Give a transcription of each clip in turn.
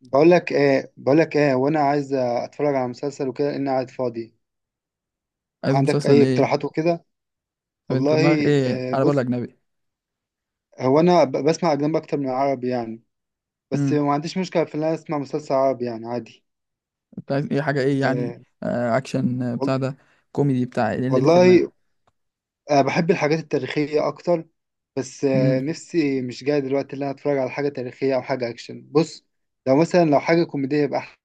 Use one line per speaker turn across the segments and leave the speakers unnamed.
بقول لك ايه وانا عايز اتفرج على مسلسل وكده، لان قاعد فاضي.
عايز
عندك
مسلسل
اي
ايه؟
اقتراحات وكده؟
طب انت دماغك
والله
ايه؟ على بال
بص.
اجنبي؟
هو انا بسمع اجنبي اكتر من عربي يعني. بس
امم.
ما عنديش مشكله في ان انا اسمع مسلسل عربي يعني عادي.
انت عايز ايه؟ حاجه ايه يعني؟
آه،
آه اكشن،
وال-
بتاع ده، كوميدي، بتاع ايه؟ إيه اللي في
والله
دماغك؟
بحب الحاجات التاريخيه اكتر. بس
امم.
نفسي مش جاي دلوقتي ان انا اتفرج على حاجه تاريخيه او حاجه اكشن. بص، لو مثلا لو حاجه كوميديه يبقى احسن.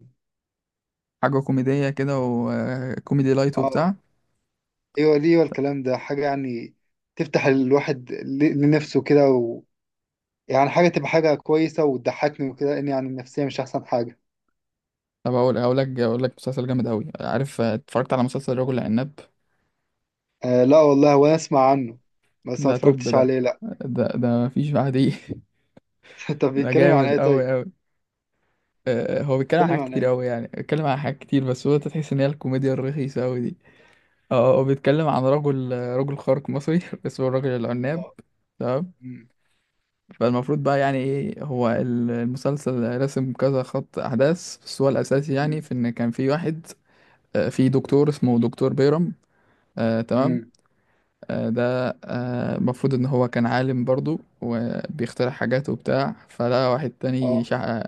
حاجه كوميديه كده، وكوميدي لايت
اه،
وبتاع.
ايوه ليه، والكلام ده حاجه يعني. تفتح الواحد لنفسه كده. يعني حاجة تبقى حاجة كويسة وتضحكني وكده، لأن يعني النفسية مش أحسن حاجة.
طب اقول لك مسلسل جامد قوي، عارف؟ اتفرجت على مسلسل رجل العناب؟
آه، لا والله، وأنا أسمع عنه. بس ما
ده توب
اتفرجتش
ده.
عليه لا.
ده مفيش بعديه.
طب
ده
بيتكلم عن
جامد
إيه
قوي
طيب؟
قوي. آه، هو بيتكلم عن
بيتكلم
حاجات
عن
كتير
إيه؟
قوي، يعني بيتكلم عن حاجات كتير، بس هو انت تحس ان هي الكوميديا الرخيصه قوي دي. اه هو بيتكلم عن رجل، رجل خارق مصري اسمه الرجل العناب.
آه.
تمام.
أمم،
فالمفروض بقى يعني ايه، هو المسلسل رسم كذا خط احداث، بس هو الاساسي يعني
أمم،
في ان كان في واحد، في دكتور اسمه دكتور بيرم. آه تمام.
أمم.
آه ده، المفروض ان هو كان عالم برضو وبيخترع حاجات وبتاع، فلقى واحد تاني
آه.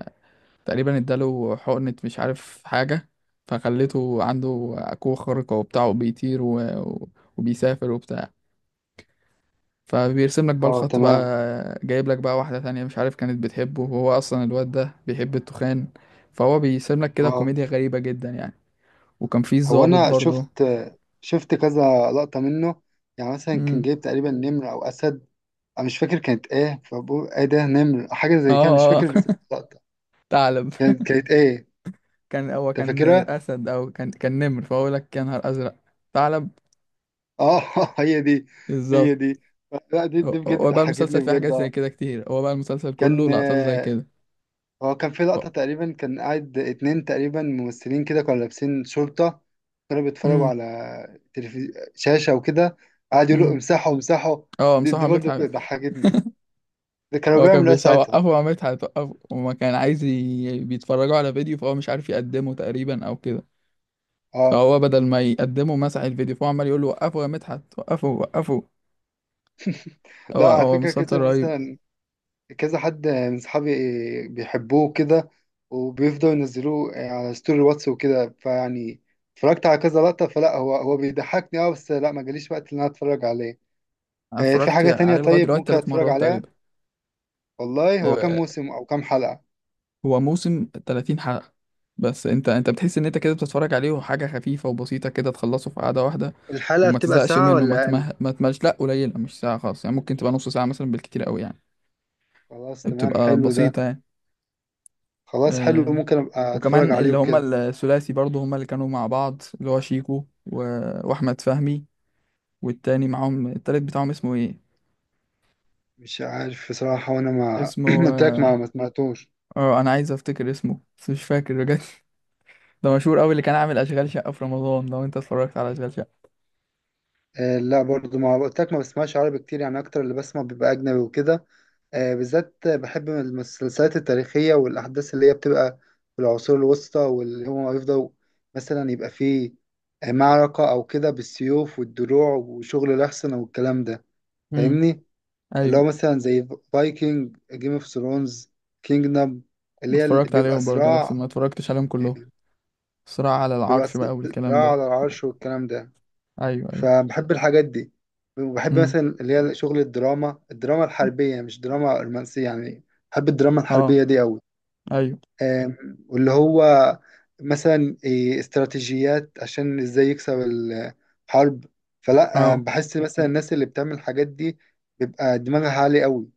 تقريبا اداله حقنة مش عارف حاجة، فخليته عنده قوة خارقة وبتاع، وبيطير وبيسافر وبتاع، فبيرسم لك بقى
آه.
الخط بقى،
تمام.
جايب لك بقى واحدة تانية مش عارف كانت بتحبه، وهو أصلا الواد ده بيحب التخان، فهو بيرسم لك كده
آه.
كوميديا غريبة جدا يعني. وكان في
هو
ضابط
أنا
برضه.
شفت كذا لقطة منه. يعني مثلا كان
امم.
جايب تقريبا نمر أو أسد. أنا مش فاكر كانت إيه، فبقول إيه ده، نمر حاجة زي كده، مش
اه اه.
فاكر بس اللقطة.
ثعلب.
كانت إيه؟
كان هو
أنت
كان
فاكرها؟
أسد، أو كان نمر، فهو لك يا نهار أزرق. ثعلب.
اه. هي دي.
بالظبط.
هي دي. لا، دي
هو
بجد
هو بقى
ضحكتني
المسلسل فيه
بجد،
حاجات زي
اه.
كده كتير، هو بقى المسلسل كله
كان
لقطات زي
آه،
كده.
هو كان في لقطة تقريبا. كان قاعد اتنين تقريبا ممثلين كده، كانوا لابسين شرطة. كانوا بيتفرجوا
امم.
على شاشة وكده. قاعد يقولوا
امم.
امسحوا امسحوا.
اه
دي,
مصطفى
دي برضه كده
عماد.
ضحكتني. ده كانوا
هو كان
بيعملوا ايه
بيساعد
ساعتها؟
وقفه، وعملت هتوقفه، وما كان عايز بيتفرجوا على فيديو، فهو مش عارف يقدمه تقريبا او كده،
اه،
فهو بدل ما يقدمه مسح الفيديو، فهو عمال يقول له وقفه يا مدحت، وقفه وقفه.
لا
هو
على
هو
فكرة،
مسلسل
كده
رهيب.
مثلا كذا حد من صحابي بيحبوه كده، وبيفضلوا ينزلوه على ستوري الواتس وكده، فيعني اتفرجت على كذا لقطة. فلا، هو بيضحكني اه، بس لا ما جاليش وقت ان انا اتفرج عليه.
أنا
في
اتفرجت
حاجة تانية
عليه لغايه
طيب
دلوقتي
ممكن
ثلاث
اتفرج
مرات
عليها؟
تقريبا.
والله هو كام
آه،
موسم او كام حلقة؟
هو موسم 30 حلقه، بس انت بتحس ان انت كده بتتفرج عليه وحاجه خفيفه وبسيطه، كده تخلصه في قعده واحده،
الحلقة
وما
بتبقى
تزهقش
ساعة
منه،
ولا اقل؟
ما تملش، لا قليله مش ساعه خالص، يعني ممكن تبقى نص ساعه مثلا بالكتير قوي يعني.
خلاص تمام،
بتبقى
حلو ده.
بسيطه يعني.
خلاص حلو،
آه،
ممكن ابقى اتفرج
وكمان
عليه
اللي هما
وكده.
الثلاثي برضو، هما اللي كانوا مع بعض، اللي هو شيكو واحمد فهمي، والتاني معاهم التالت بتاعهم اسمه ايه؟
مش عارف بصراحة، وانا ما
اسمه،
ما قلت لك ما سمعتوش.
اه انا عايز افتكر اسمه بس مش فاكر بجد. ده مشهور قوي، اللي كان عامل اشغال شقة في رمضان. لو انت اتفرجت على اشغال شقة.
لا برضو، ما قلت لك، ما بسمعش عربي كتير يعني، اكتر اللي بسمع بيبقى اجنبي وكده. بالذات بحب المسلسلات التاريخية والأحداث اللي هي بتبقى في العصور الوسطى، واللي هما يفضلوا مثلا يبقى فيه معركة أو كده بالسيوف والدروع وشغل الأحصنة والكلام ده.
امم.
فاهمني؟ اللي
ايوه.
هو مثلا زي فايكنج، جيم اوف ثرونز، كينجدم، اللي هي اللي
اتفرجت
بيبقى
عليهم برضو، بس
صراع.
ما اتفرجتش عليهم كلهم.
آه،
صراع على
بيبقى
العرش
س-
بقى والكلام
صراع
ده.
على العرش والكلام ده.
ايوه ايوه.
فبحب الحاجات دي. وبحب
امم.
مثلا اللي هي شغل الدراما الحربية، مش دراما رومانسية يعني. بحب الدراما
اه.
الحربية دي أوي.
ايوه.
واللي هو مثلا استراتيجيات عشان ازاي يكسب الحرب. فلا
اه.
بحس مثلا الناس اللي بتعمل الحاجات دي بيبقى دماغها عالي قوي.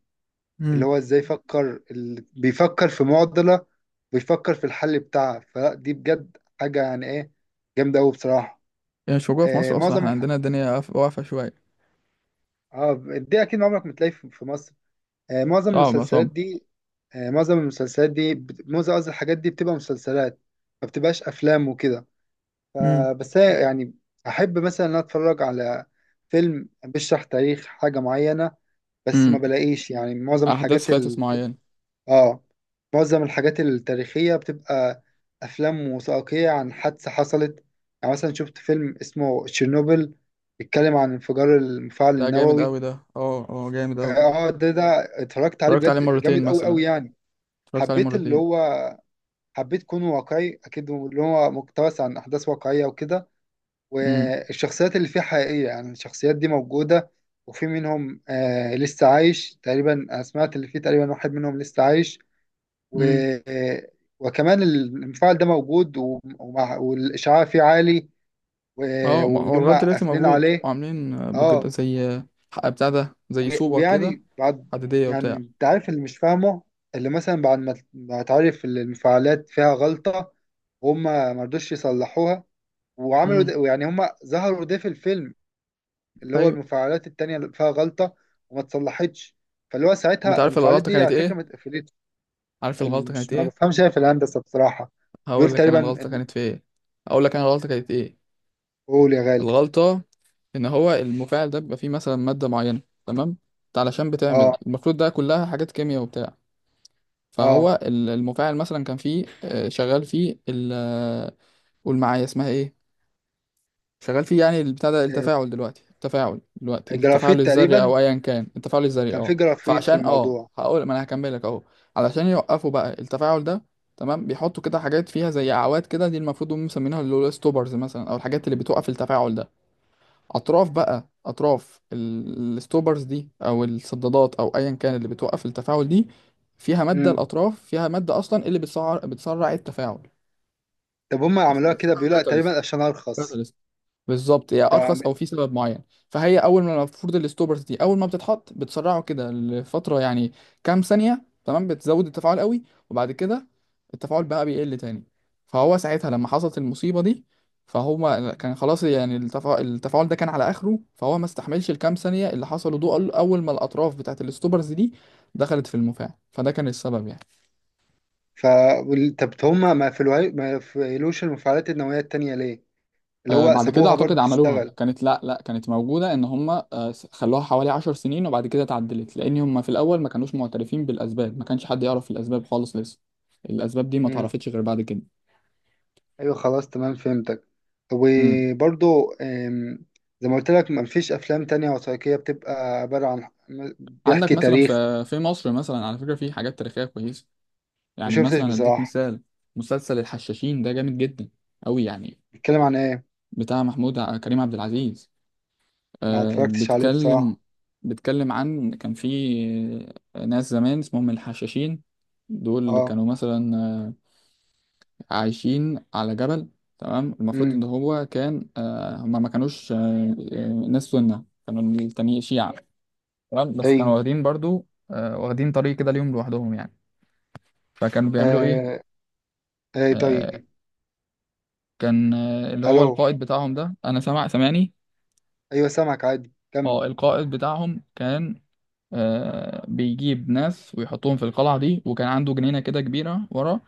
اللي
امم.
هو ازاي يفكر، بيفكر في معضلة، بيفكر في الحل بتاعها. فلا دي بجد حاجة يعني ايه، جامدة قوي بصراحة.
يعني مش موجودة في
آه،
مصر اصلا،
معظم
احنا
الح...
عندنا الدنيا واقفة شوية.
اه، دي اكيد عمرك ما تلاقي في مصر. آه، معظم
صعبة
المسلسلات
صعبة.
دي معظم المسلسلات دي معظم قصدي الحاجات دي بتبقى مسلسلات، ما بتبقاش افلام وكده. ف-
امم.
بس هي يعني احب مثلا ان أنا اتفرج على فيلم بيشرح تاريخ حاجه معينه. بس ما
امم.
بلاقيش، يعني معظم
احداث
الحاجات اللي
فاتت
بتبقى،
معينة.
اه، معظم الحاجات التاريخيه بتبقى افلام وثائقيه عن حادثه حصلت. يعني مثلا شفت فيلم اسمه تشيرنوبل، بيتكلم عن انفجار المفاعل
لا جامد
النووي.
قوي ده، اه اه جامد قوي.
اه، ده اتفرجت عليه
اتفرجت عليه
بجد،
مرتين
جامد قوي
مثلا،
قوي يعني.
اتفرجت عليه
حبيت اللي
مرتين.
هو حبيت كونه واقعي، اكيد اللي هو مقتبس عن احداث واقعيه وكده.
امم.
والشخصيات اللي فيه حقيقية، يعني الشخصيات دي موجودة. وفي منهم لسه عايش تقريبا. أنا سمعت اللي فيه تقريبا واحد منهم لسه عايش. و
امم.
آه، وكمان المفاعل ده موجود، ومع، والإشعاع فيه عالي،
اه ما هو لغايه
ولما
دلوقتي
قافلين
موجود،
عليه.
وعاملين بجد
اه،
زي حق بتاع ده، زي صوبه كده،
ويعني بعد،
حديديه
يعني
وبتاع.
انت عارف اللي مش فاهمه، اللي مثلا بعد ما تعرف إن المفاعلات فيها غلطة هما ما رضوش يصلحوها، وعملوا
امم.
ده. يعني هما ظهروا ده في الفيلم، اللي هو
ايوه.
المفاعلات التانية اللي فيها غلطة وما اتصلحتش. فاللي هو
انت
ساعتها
عارف
المفاعلات
الغلطه
دي
كانت
على فكرة
ايه؟
ما اتقفلتش.
عارف الغلطه
مش،
كانت
ما
ايه؟
بفهمش أنا في الهندسة بصراحة. بيقول
هقول لك انا
تقريبا
الغلطه كانت في ايه، هقول لك انا الغلطه كانت ايه.
قول يا غالي.
الغلطه ان هو المفاعل ده بيبقى فيه مثلا ماده معينه، تمام؟ انت علشان
اه،
بتعمل المفروض ده كلها حاجات كيمياء وبتاع.
اه.
فهو المفاعل مثلا كان فيه، شغال فيه ال قول معايا اسمها ايه، شغال فيه يعني البتاع ده
آه،
التفاعل دلوقتي، التفاعل دلوقتي، التفاعل
الجرافيت
الذري
تقريبا.
او ايا كان، التفاعل الذري
كان
اه.
في جرافيت في
فعشان اه
الموضوع.
هقول، ما انا هكملك اهو. علشان يوقفوا بقى التفاعل ده، تمام، بيحطوا كده حاجات فيها زي اعواد كده، دي المفروض هم مسمينها اللي هو ستوبرز مثلا، او الحاجات اللي بتوقف التفاعل ده. اطراف بقى، اطراف الستوبرز دي، او السدادات او ايا كان اللي بتوقف التفاعل دي، فيها ماده.
امم.
الاطراف فيها ماده اصلا اللي بتسرع التفاعل.
طب هم عملوها كده،
اسمها
بيقول لأ، تقريبا
كاتاليست.
عشان ارخص
بالظبط، يعني ارخص او
يعني.
في سبب معين. فهي اول ما المفروض الستوبرز دي اول ما بتتحط بتسرعه كده لفتره يعني، كام ثانيه تمام بتزود التفاعل قوي، وبعد كده التفاعل بقى بيقل تاني. فهو ساعتها لما حصلت المصيبه دي، فهو كان خلاص، يعني التفاعل ده كان على اخره، فهو ما استحملش الكام ثانيه اللي حصلوا دول، اول ما الاطراف بتاعت الستوبرز دي دخلت في المفاعل، فده كان السبب يعني.
ف طب هم ما في، ما يقفلوش المفاعلات النووية التانية ليه؟ اللي هو
بعد كده
سابوها برضو
اعتقد عملوها،
تشتغل.
كانت لا كانت موجوده، ان هم خلوها حوالي 10 سنين، وبعد كده اتعدلت، لان هم في الاول ما كانوش معترفين بالاسباب، ما كانش حد يعرف الاسباب خالص لسه. الاسباب دي ما اتعرفتش غير بعد كده.
ايوه خلاص تمام، فهمتك.
امم.
وبرضو زي ما قلت لك ما فيش افلام تانية وثائقية بتبقى عبارة عن
عندك
بيحكي
مثلا في
تاريخ.
في مصر مثلا على فكره في حاجات تاريخيه كويسه،
ما
يعني
شفتش
مثلا اديك
بصراحة.
مثال، مسلسل الحشاشين ده جامد جدا قوي يعني،
بيتكلم عن ايه؟
بتاع محمود كريم عبد العزيز.
ما اتفرجتش عليه
بتكلم،
بصراحة.
بتكلم عن كان في ناس زمان اسمهم الحشاشين، دول
اه.
كانوا مثلا عايشين على جبل. تمام. المفروض ان
امم.
هو كان هما ما كانوش ناس سنة، كانوا التانيين شيعة، تمام. بس كانوا
ايوه.
واخدين برضو، واخدين طريق كده ليهم لوحدهم يعني. فكانوا بيعملوا ايه؟
آه. اي
آه،
طيب.
كان اللي هو
الو؟
القائد بتاعهم ده، انا سمع سمعني.
ايوه سامعك عادي، كمل.
اه القائد بتاعهم كان، بيجيب ناس ويحطهم في القلعة دي، وكان عنده جنينة كده كبيرة ورا،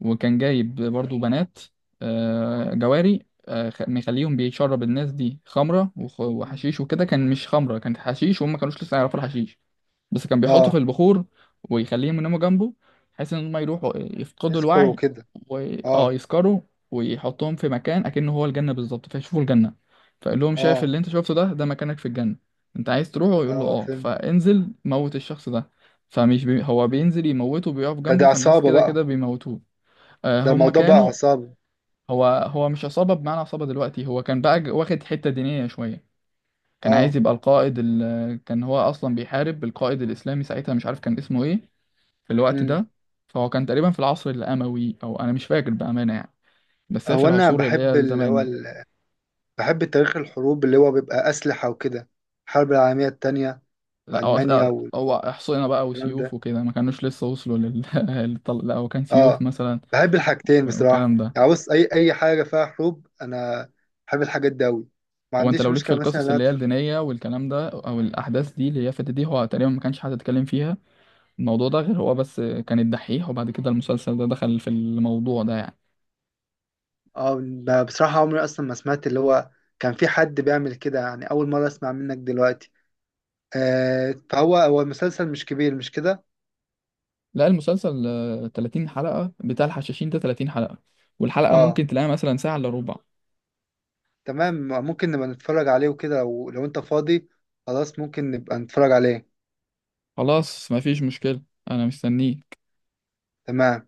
وكان جايب برضو بنات، جواري، مخليهم بيشرب الناس دي خمرة
مم.
وحشيش وكده، كان مش خمرة، كانت حشيش، وهم ما كانوش لسه يعرفوا الحشيش، بس كان بيحطه في
اه.
البخور، ويخليهم يناموا جنبه، بحيث ان هم يروحوا يفقدوا
اذكر
الوعي،
وكده.
و اه
اه.
يسكروا، ويحطهم في مكان اكنه هو الجنة بالظبط، فيشوفوا الجنة. فقال لهم شايف
اه.
اللي انت شفته ده، ده مكانك في الجنة، انت عايز تروحه؟ يقول له
اه،
اه،
فهمت.
فانزل موت الشخص ده. هو
مم.
بينزل يموته، بيقف
دي
جنبه، فالناس
عصابة
كده
بقى؟
كده بيموتوه. آه
ده
هم
الموضوع بقى
كانوا،
عصابة.
هو هو مش عصابة بمعنى عصابة دلوقتي، هو كان بقى واخد حتة دينية شوية. كان
اه.
عايز يبقى القائد كان هو اصلا بيحارب القائد الاسلامي ساعتها، مش عارف كان اسمه ايه في الوقت
امم.
ده. فهو كان تقريبا في العصر الاموي او انا مش فاكر بامانه يعني، بس هي في
هو انا
العصور اللي هي
بحب اللي
الزمان
هو
دي.
بحب تاريخ الحروب، اللي هو بيبقى أسلحة وكده، الحرب العالمية التانية
لا هو
وألمانيا والكلام
هو احصنه بقى
ده.
وسيوف وكده، ما كانوش لسه وصلوا لل لا هو كان سيوف
اه،
مثلا
بحب الحاجتين بصراحة
والكلام ده.
يعني. بص، أي حاجة فيها حروب، أنا بحب الحاجات دي أوي. ما
هو انت
عنديش
لو ليك في
مشكلة مثلا إن
القصص
أنا
اللي هي الدينيه والكلام ده، او الاحداث دي اللي هي فاتت دي، هو تقريبا ما كانش حد اتكلم فيها، الموضوع ده غير هو بس كان الدحيح، وبعد كده المسلسل ده دخل في الموضوع ده يعني.
اه، أنا بصراحة عمري أصلا ما سمعت اللي هو كان في حد بيعمل كده يعني. أول مرة أسمع منك دلوقتي. آه فهو المسلسل مش كبير، مش كده؟
لا المسلسل، 30 حلقة، بتاع الحشاشين ده 30 حلقة، والحلقة
اه
ممكن تلاقيها مثلا ساعة إلا ربع.
تمام. ممكن نبقى نتفرج عليه وكده، لو أنت فاضي. خلاص ممكن نبقى نتفرج عليه.
خلاص مفيش مشكلة، أنا مستنيه.
تمام.